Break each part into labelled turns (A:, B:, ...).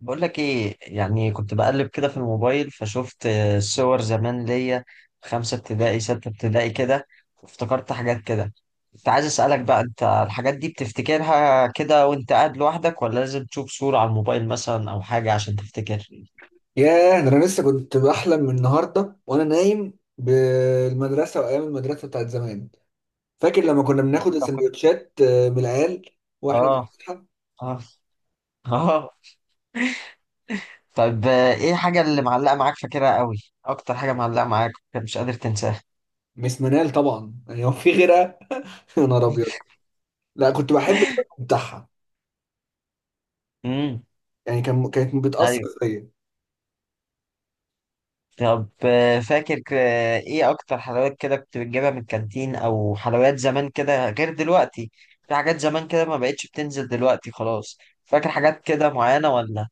A: بقول لك ايه؟ يعني كنت بقلب كده في الموبايل فشفت صور زمان ليا، خمسة ابتدائي ستة ابتدائي كده. وافتكرت حاجات كده. كنت عايز اسألك بقى، انت الحاجات دي بتفتكرها كده وانت قاعد لوحدك ولا لازم تشوف صورة على الموبايل مثلا او حاجة عشان تفتكر؟
B: ياه، ده انا لسه كنت بحلم من النهارده وانا نايم بالمدرسه وايام المدرسه بتاعت زمان. فاكر لما كنا بناخد
A: طب
B: السندوتشات من العيال واحنا
A: اه،
B: بنفتحها.
A: اه، اه، طب ايه الحاجة اللي معلقة معاك فاكرها قوي؟ اكتر حاجة معلقة معاك مش قادر تنساها؟
B: مس منال طبعا، يعني هو في غيرها. يا نهار ابيض. لا، كنت بحب الشكل بتاعها.
A: امم
B: يعني كانت بتاثر فيا.
A: طب آه، فاكر ك- آه، ايه اكتر حلويات كده كنت بتجيبها من الكانتين او حلويات زمان كده غير دلوقتي؟ في حاجات زمان كده ما بقتش بتنزل دلوقتي خلاص، فاكر حاجات كده معينة ولا؟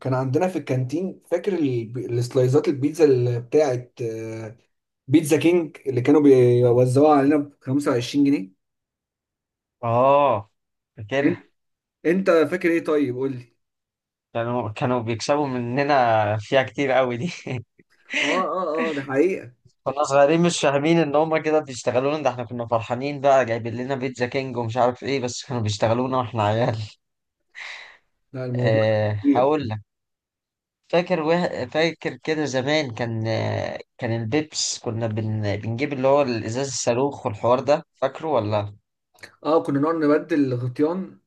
B: كان عندنا في الكانتين، فاكر السلايزات البيتزا اللي بتاعت بيتزا كينج اللي كانوا بيوزعوها علينا ب 25 جنيه.
A: اه، فاكرها.
B: انت انت فاكر ايه؟ طيب قول لي.
A: كانوا بيكسبوا مننا فيها كتير قوي دي.
B: اه اه اه، ده حقيقة.
A: كنا صغيرين مش فاهمين ان هما كده بيشتغلونا، ده احنا كنا فرحانين بقى، جايبين لنا بيتزا كينج ومش عارف ايه، بس كانوا بيشتغلونا واحنا عيال.
B: لا، الموضوع
A: أه
B: كبير.
A: هقول. فاكر كده زمان كان البيبس كنا بنجيب اللي هو الازاز الصاروخ، والحوار ده فاكره ولا؟
B: اه، كنا نقعد نبدل الغطيان.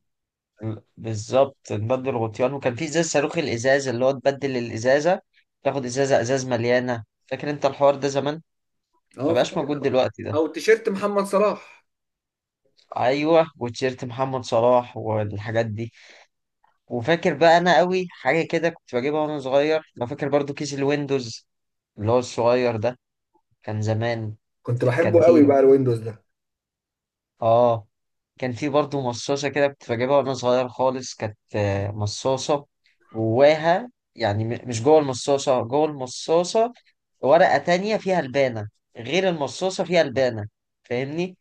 A: بالظبط، نبدل غطيان، وكان في ازاز صاروخ، الازاز اللي هو تبدل الازازه، تاخد ازازه ازاز مليانه، فاكر انت الحوار ده زمان؟ ما
B: اه، فاكر.
A: بقاش موجود دلوقتي ده.
B: او تيشيرت محمد صلاح.
A: ايوه، وتيشيرت محمد صلاح والحاجات دي. وفاكر بقى انا قوي حاجه كده كنت بجيبها وانا صغير، لو فاكر برضو، كيس الويندوز، اللي هو الصغير ده، كان زمان
B: كنت
A: في
B: بحبه قوي
A: الكانتين.
B: بقى الويندوز ده.
A: اه، كان في برضه مصاصة كده كنت بجيبها وانا صغير خالص، كانت مصاصة، جواها يعني مش جوه المصاصة، جوه المصاصة ورقة تانية فيها البانة، غير المصاصة فيها البانة. فاهمني؟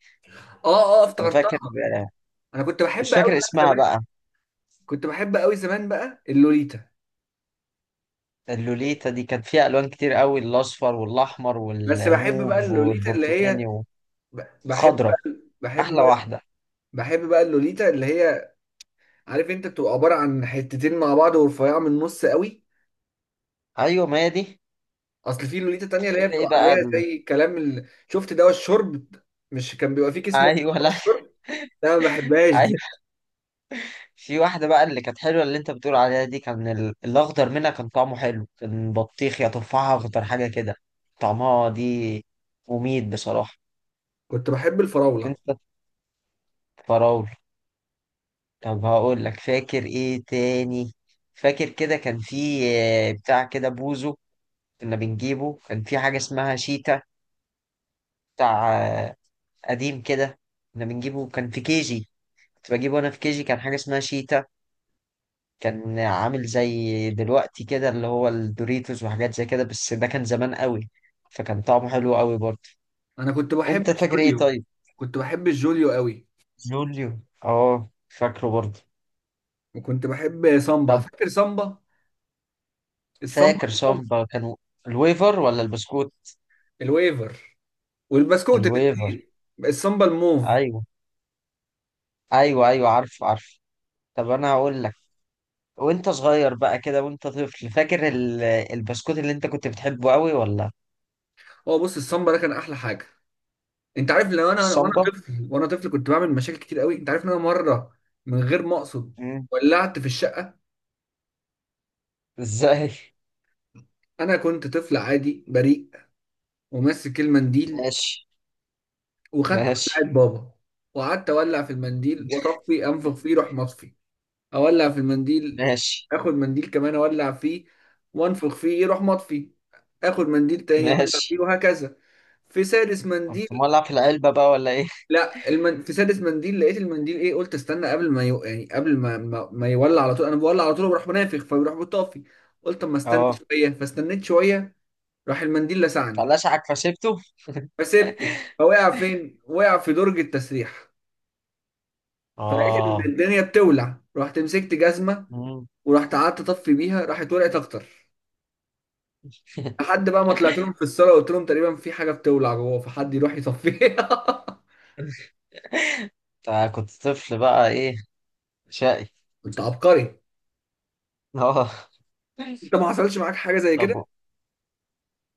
B: اه اه،
A: أنا
B: افتكرتها.
A: فاكر. آه،
B: انا كنت
A: مش
B: بحب قوي
A: فاكر
B: بقى
A: اسمها
B: زمان.
A: بقى.
B: كنت بحب قوي زمان بقى اللوليتا.
A: اللوليتا دي كانت فيها ألوان كتير قوي، الأصفر والأحمر
B: بس بحب بقى
A: والموف
B: اللوليتا اللي
A: والبرتقاني
B: هي، ب- بحب
A: والخضرة.
B: بقى بحب
A: أحلى
B: بقى
A: واحدة.
B: بحب بقى اللوليتا اللي هي، عارف انت بتبقى عباره عن حتتين مع بعض ورفيعه من النص قوي.
A: أيوة، ما هي دي.
B: اصل في لوليتا تانية اللي
A: بتحب
B: هي
A: إيه
B: بتبقى
A: بقى
B: عليها زي كلام شفت دواء الشرب؟ مش كان بيبقى فيه كيس ميه؟
A: أيوة؟
B: دواء
A: لا.
B: الشرب. لا، ما بحبهاش دي.
A: في واحدة بقى اللي كانت حلوة، اللي انت بتقول عليها دي، كان الأخضر منها كان طعمه حلو، كان بطيخ يا تفاحة أخضر حاجة كده. طعمها دي مميت بصراحة.
B: كنت بحب الفراولة.
A: انت فراولة. طب هقول لك، فاكر ايه تاني؟ فاكر كده كان في بتاع كده بوزو، كنا بنجيبه؟ كان في حاجة اسمها شيتا، بتاع آه، قديم كده، كنا بنجيبه. كان في كيجي، كنت بجيبه انا في كيجي، كان حاجة اسمها شيتا، كان عامل زي دلوقتي كده اللي هو الدوريتوس وحاجات زي كده، بس ده كان زمان قوي، فكان طعمه حلو قوي برضه.
B: أنا كنت بحب
A: انت فاكر ايه
B: الجوليو.
A: طيب؟
B: كنت بحب الجوليو قوي.
A: جوليو؟ اه، فاكره برضه.
B: وكنت بحب سامبا،
A: طب،
B: فاكر سامبا؟ السامبا
A: فاكر
B: الموف.
A: سامبا؟ كانوا الويفر ولا البسكوت؟
B: الويفر والبسكوت
A: الويفر.
B: الاتنين. السامبا الموف.
A: ايوه ايوه ايوه، عارف عارف. طب انا هقول لك، وانت صغير بقى كده وانت طفل، فاكر البسكوت اللي انت كنت بتحبه قوي ولا؟
B: هو بص، السامبا ده كان أحلى حاجة. أنت عارف لو أنا وأنا
A: السامبا.
B: طفل وأنا طفل كنت بعمل مشاكل كتير قوي. أنت عارف إن أنا مرة من غير ما أقصد
A: مم.
B: ولعت في الشقة.
A: ازاي؟
B: أنا كنت طفل عادي بريء وماسك المنديل
A: ماشي.
B: وخدت
A: ماشي.
B: بتاعت بابا وقعدت أولع في المنديل وأطفي، أنفخ فيه روح مطفي. اولع في المنديل،
A: ماشي.
B: اخد منديل كمان اولع فيه وانفخ فيه يروح مطفي. اخد منديل تاني اولع فيه
A: ماشي.
B: وهكذا. في سادس
A: قمت
B: منديل،
A: مولع في العلبة بقى ولا إيه؟
B: لا المن... في سادس منديل لقيت المنديل ايه، قلت استنى قبل ما يعني قبل ما يولع على طول. انا بولع على طول وبروح منافخ فبيروح مطفي. قلت اما استنى
A: اه.
B: شويه فاستنيت شويه. راح المنديل لسعني،
A: فلشعك فسيبته.
B: فسيبته. فوقع فين؟ وقع في درج التسريح. فلقيت ان
A: اه.
B: الدنيا بتولع، رحت مسكت جزمه
A: مم.
B: ورحت قعدت اطفي بيها، راحت ولعت اكتر. لحد بقى ما طلعت لهم في الصاله قلت لهم تقريبا في حاجه بتولع جوه، فحد يروح يصفيها.
A: أنت كنت طفل بقى إيه، شقي.
B: انت عبقري.
A: أه.
B: انت ما حصلش معاك حاجه زي كده؟
A: طب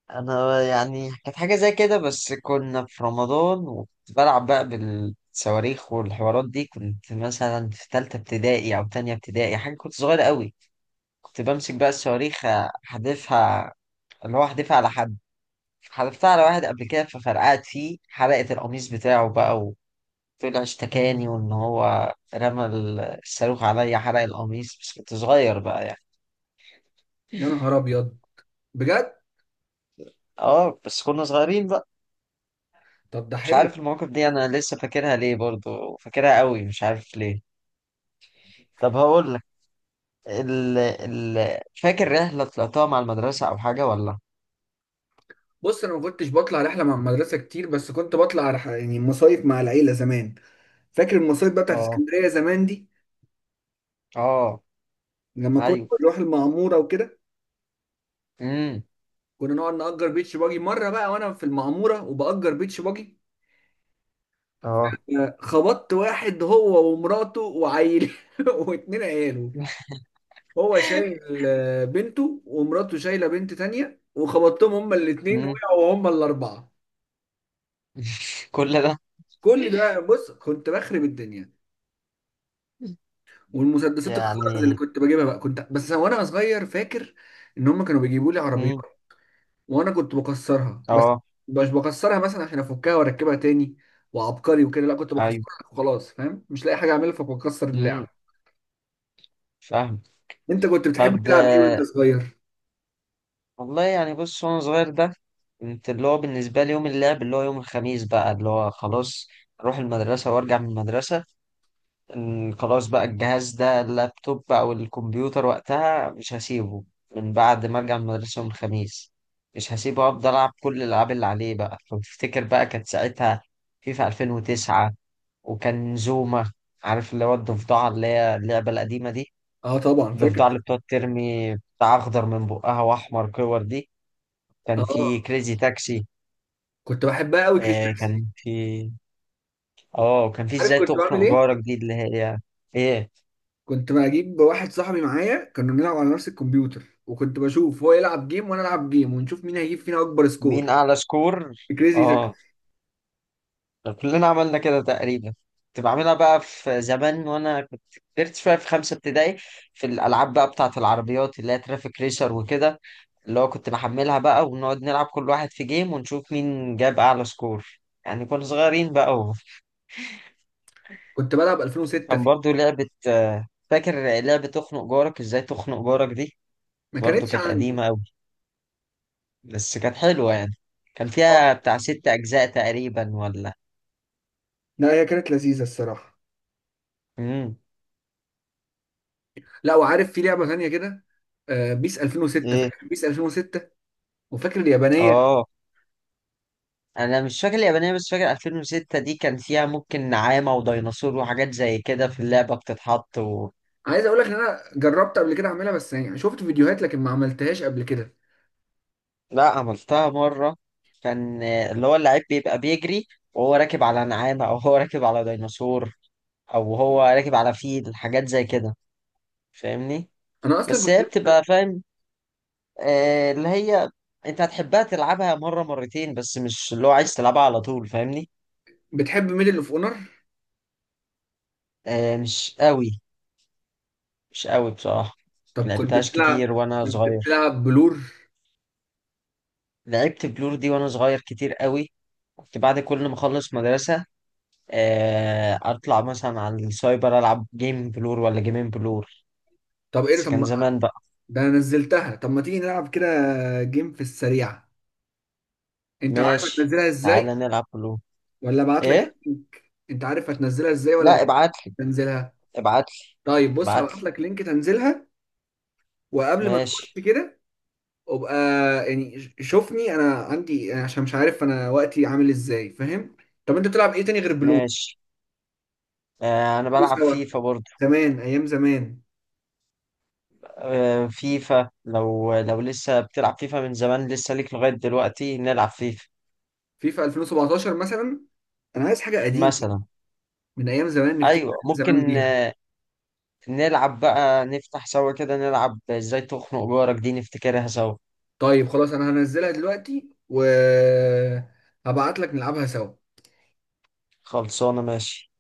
A: أنا يعني كانت حاجة زي كده، بس كنا في رمضان وكنت بلعب بقى بالصواريخ والحوارات دي، كنت مثلا في تالتة ابتدائي أو تانية ابتدائي حاجة، كنت صغير قوي. كنت بمسك بقى الصواريخ أحدفها، اللي هو أحدفها على حد. حدفتها على واحد قبل كده ففرقعت فيه، حرقت القميص بتاعه بقى. طلع اشتكاني، وان هو رمى الصاروخ عليا، حرق القميص، بس كنت صغير بقى يعني.
B: يا نهار ابيض، بجد.
A: اه، بس كنا صغيرين بقى.
B: طب ده
A: مش
B: حلو.
A: عارف المواقف دي انا لسه فاكرها ليه، برضو فاكرها قوي مش عارف ليه. طب هقول لك، فاكر رحلة طلعتها مع المدرسة او حاجة ولا؟
B: بص انا ما كنتش بطلع رحله مع المدرسه كتير، بس كنت بطلع يعني مصايف مع العيله زمان. فاكر المصايف بقى بتاعت
A: اه.
B: اسكندريه زمان دي،
A: اه.
B: لما كنا
A: ايوه.
B: بنروح المعموره وكده؟
A: امم.
B: كنا نقعد نأجر بيتش باجي، مره بقى وانا في المعموره وبأجر بيتش باجي،
A: اه.
B: خبطت واحد هو ومراته وعيل. واتنين عياله. هو شايل بنته ومراته شايله بنت تانية وخبطتهم هما الاثنين
A: امم.
B: وقعوا هما الاربعه.
A: كل ده؟
B: كل ده، بص كنت بخرب الدنيا. والمسدسات الخرز اللي
A: يعني.
B: كنت بجيبها بقى، كنت بس وانا صغير، فاكر ان هما كانوا بيجيبوا لي عربيات
A: امم.
B: وانا كنت بكسرها بس.
A: اه.
B: مش بكسرها مثلا عشان افكها واركبها تاني وعبقري وكده، لا كنت
A: ايوه.
B: بكسرها وخلاص، فاهم؟ مش لاقي حاجه اعملها فبكسر
A: امم.
B: اللعب.
A: فاهم.
B: انت كنت بتحب
A: طب،
B: تلعب ايه وانت صغير؟
A: والله يعني بص، وانا صغير ده كنت اللي هو بالنسبة لي يوم اللعب اللي هو يوم الخميس بقى، اللي هو خلاص اروح المدرسة وارجع من المدرسة، إن خلاص بقى الجهاز ده، اللابتوب او الكمبيوتر وقتها، مش هسيبه. من بعد ما ارجع من المدرسة يوم الخميس، مش هسيبه، افضل العب كل الالعاب اللي عليه بقى. لو تفتكر بقى، كانت ساعتها فيفا 2009، وكان زوما، عارف اللي هو الضفدعة، اللي هي اللعبة القديمة دي،
B: اه طبعا
A: الضفدعة
B: فاكر.
A: اللي بتقعد ترمي بتاع اخضر من بقها واحمر كور دي، كان في
B: اه
A: كريزي تاكسي،
B: كنت بحبها قوي كريس
A: آه
B: تاكسي.
A: كان في اه وكان في
B: عارف
A: ازاي
B: كنت بعمل
A: تخنق
B: ايه؟
A: جارك دي، اللي هي. ايه؟
B: كنت بجيب واحد صاحبي معايا كنا بنلعب على نفس الكمبيوتر، وكنت بشوف هو يلعب جيم وانا العب جيم ونشوف مين هيجيب فينا اكبر سكور.
A: مين اعلى سكور.
B: كريزي تاكس.
A: اه، كلنا عملنا كده تقريبا. كنت بعملها بقى في زمان وانا كنت كبرت شويه، في خمسه ابتدائي، في الالعاب بقى بتاعه العربيات، اللي هي ترافيك ريسر وكده، اللي هو كنت بحملها بقى، ونقعد نلعب كل واحد في جيم، ونشوف مين جاب اعلى سكور، يعني كنا صغيرين بقى.
B: كنت بلعب 2006
A: وكان
B: فيه.
A: برضو لعبه فاكر لعبه تخنق جارك، ازاي تخنق جارك دي؟
B: ما
A: برضو
B: كانتش
A: كانت
B: عندي.
A: قديمه، بس كانت حلوة يعني. كان
B: اه،
A: فيها بتاع ست أجزاء تقريبا ولا؟
B: لا هي كانت لذيذة الصراحة.
A: امم.
B: لا، وعارف في لعبة تانية كده، بيس 2006،
A: ايه؟
B: فاكر بيس 2006؟ وفاكر اليابانية؟
A: اه. أنا مش فاكر اليابانية، بس فاكر 2006 دي كان فيها ممكن نعامة وديناصور وحاجات زي كده في اللعبة بتتحط.
B: عايز اقول لك ان انا جربت قبل كده اعملها، بس يعني شفت فيديوهات لكن ما عملتهاش قبل كده.
A: لا، عملتها مرة. كان اللي هو اللعيب بيبقى بيجري وهو راكب على نعامة، أو هو راكب على ديناصور، أو هو راكب على فيل، حاجات زي كده، فاهمني؟
B: انا اصلا
A: بس
B: كنت.
A: هي بتبقى، فاهم، اللي هي انت هتحبها تلعبها مرة مرتين، بس مش اللي هو عايز تلعبها على طول، فاهمني؟
B: بتحب ميدل اوف اونر؟
A: مش قوي. مش قوي بصراحة.
B: طب كنت
A: لعبتهاش
B: بتلعب.
A: كتير وانا
B: كنت
A: صغير.
B: بتلعب بلور؟
A: لعبت بلور دي وانا صغير كتير قوي. كنت بعد كل ما اخلص مدرسة اطلع مثلا على السايبر، العب جيم بلور ولا جيمين بلور،
B: طب ايه ده؟
A: بس كان
B: طب،
A: زمان بقى.
B: ده انا نزلتها. طب ما تيجي نلعب كده جيم في السريع؟ انت عارف
A: ماشي،
B: هتنزلها
A: تعالى
B: ازاي
A: نلعب بلور.
B: ولا ابعت لك
A: ايه؟
B: اللينك؟ انت عارف هتنزلها ازاي ولا
A: لا،
B: ابعت لك
A: ابعتلي.
B: تنزلها؟
A: ابعتلي.
B: طيب بص، هبعت
A: ابعتلي.
B: لك لينك تنزلها. وقبل ما
A: ماشي.
B: نخش كده ابقى، يعني شوفني انا عندي يعني، عشان مش عارف انا وقتي عامل ازاي، فاهم؟ طب انت بتلعب ايه تاني غير بلور؟
A: ماشي. انا
B: أو
A: بلعب
B: سوا
A: فيفا برضه.
B: زمان، ايام زمان.
A: فيفا؟ لو لسه بتلعب فيفا من زمان لسه ليك لغاية دلوقتي، نلعب فيفا
B: فيفا 2017 مثلا، انا عايز حاجه قديمه
A: مثلا.
B: من ايام زمان نفتكر
A: ايوه
B: أيام زمان
A: ممكن.
B: بيها.
A: نلعب بقى، نفتح سوا كده نلعب ازاي تخنق جارك دي، نفتكرها سوا.
B: طيب خلاص، انا هنزلها دلوقتي و هبعت لك نلعبها سوا.
A: خلصانة، ماشي.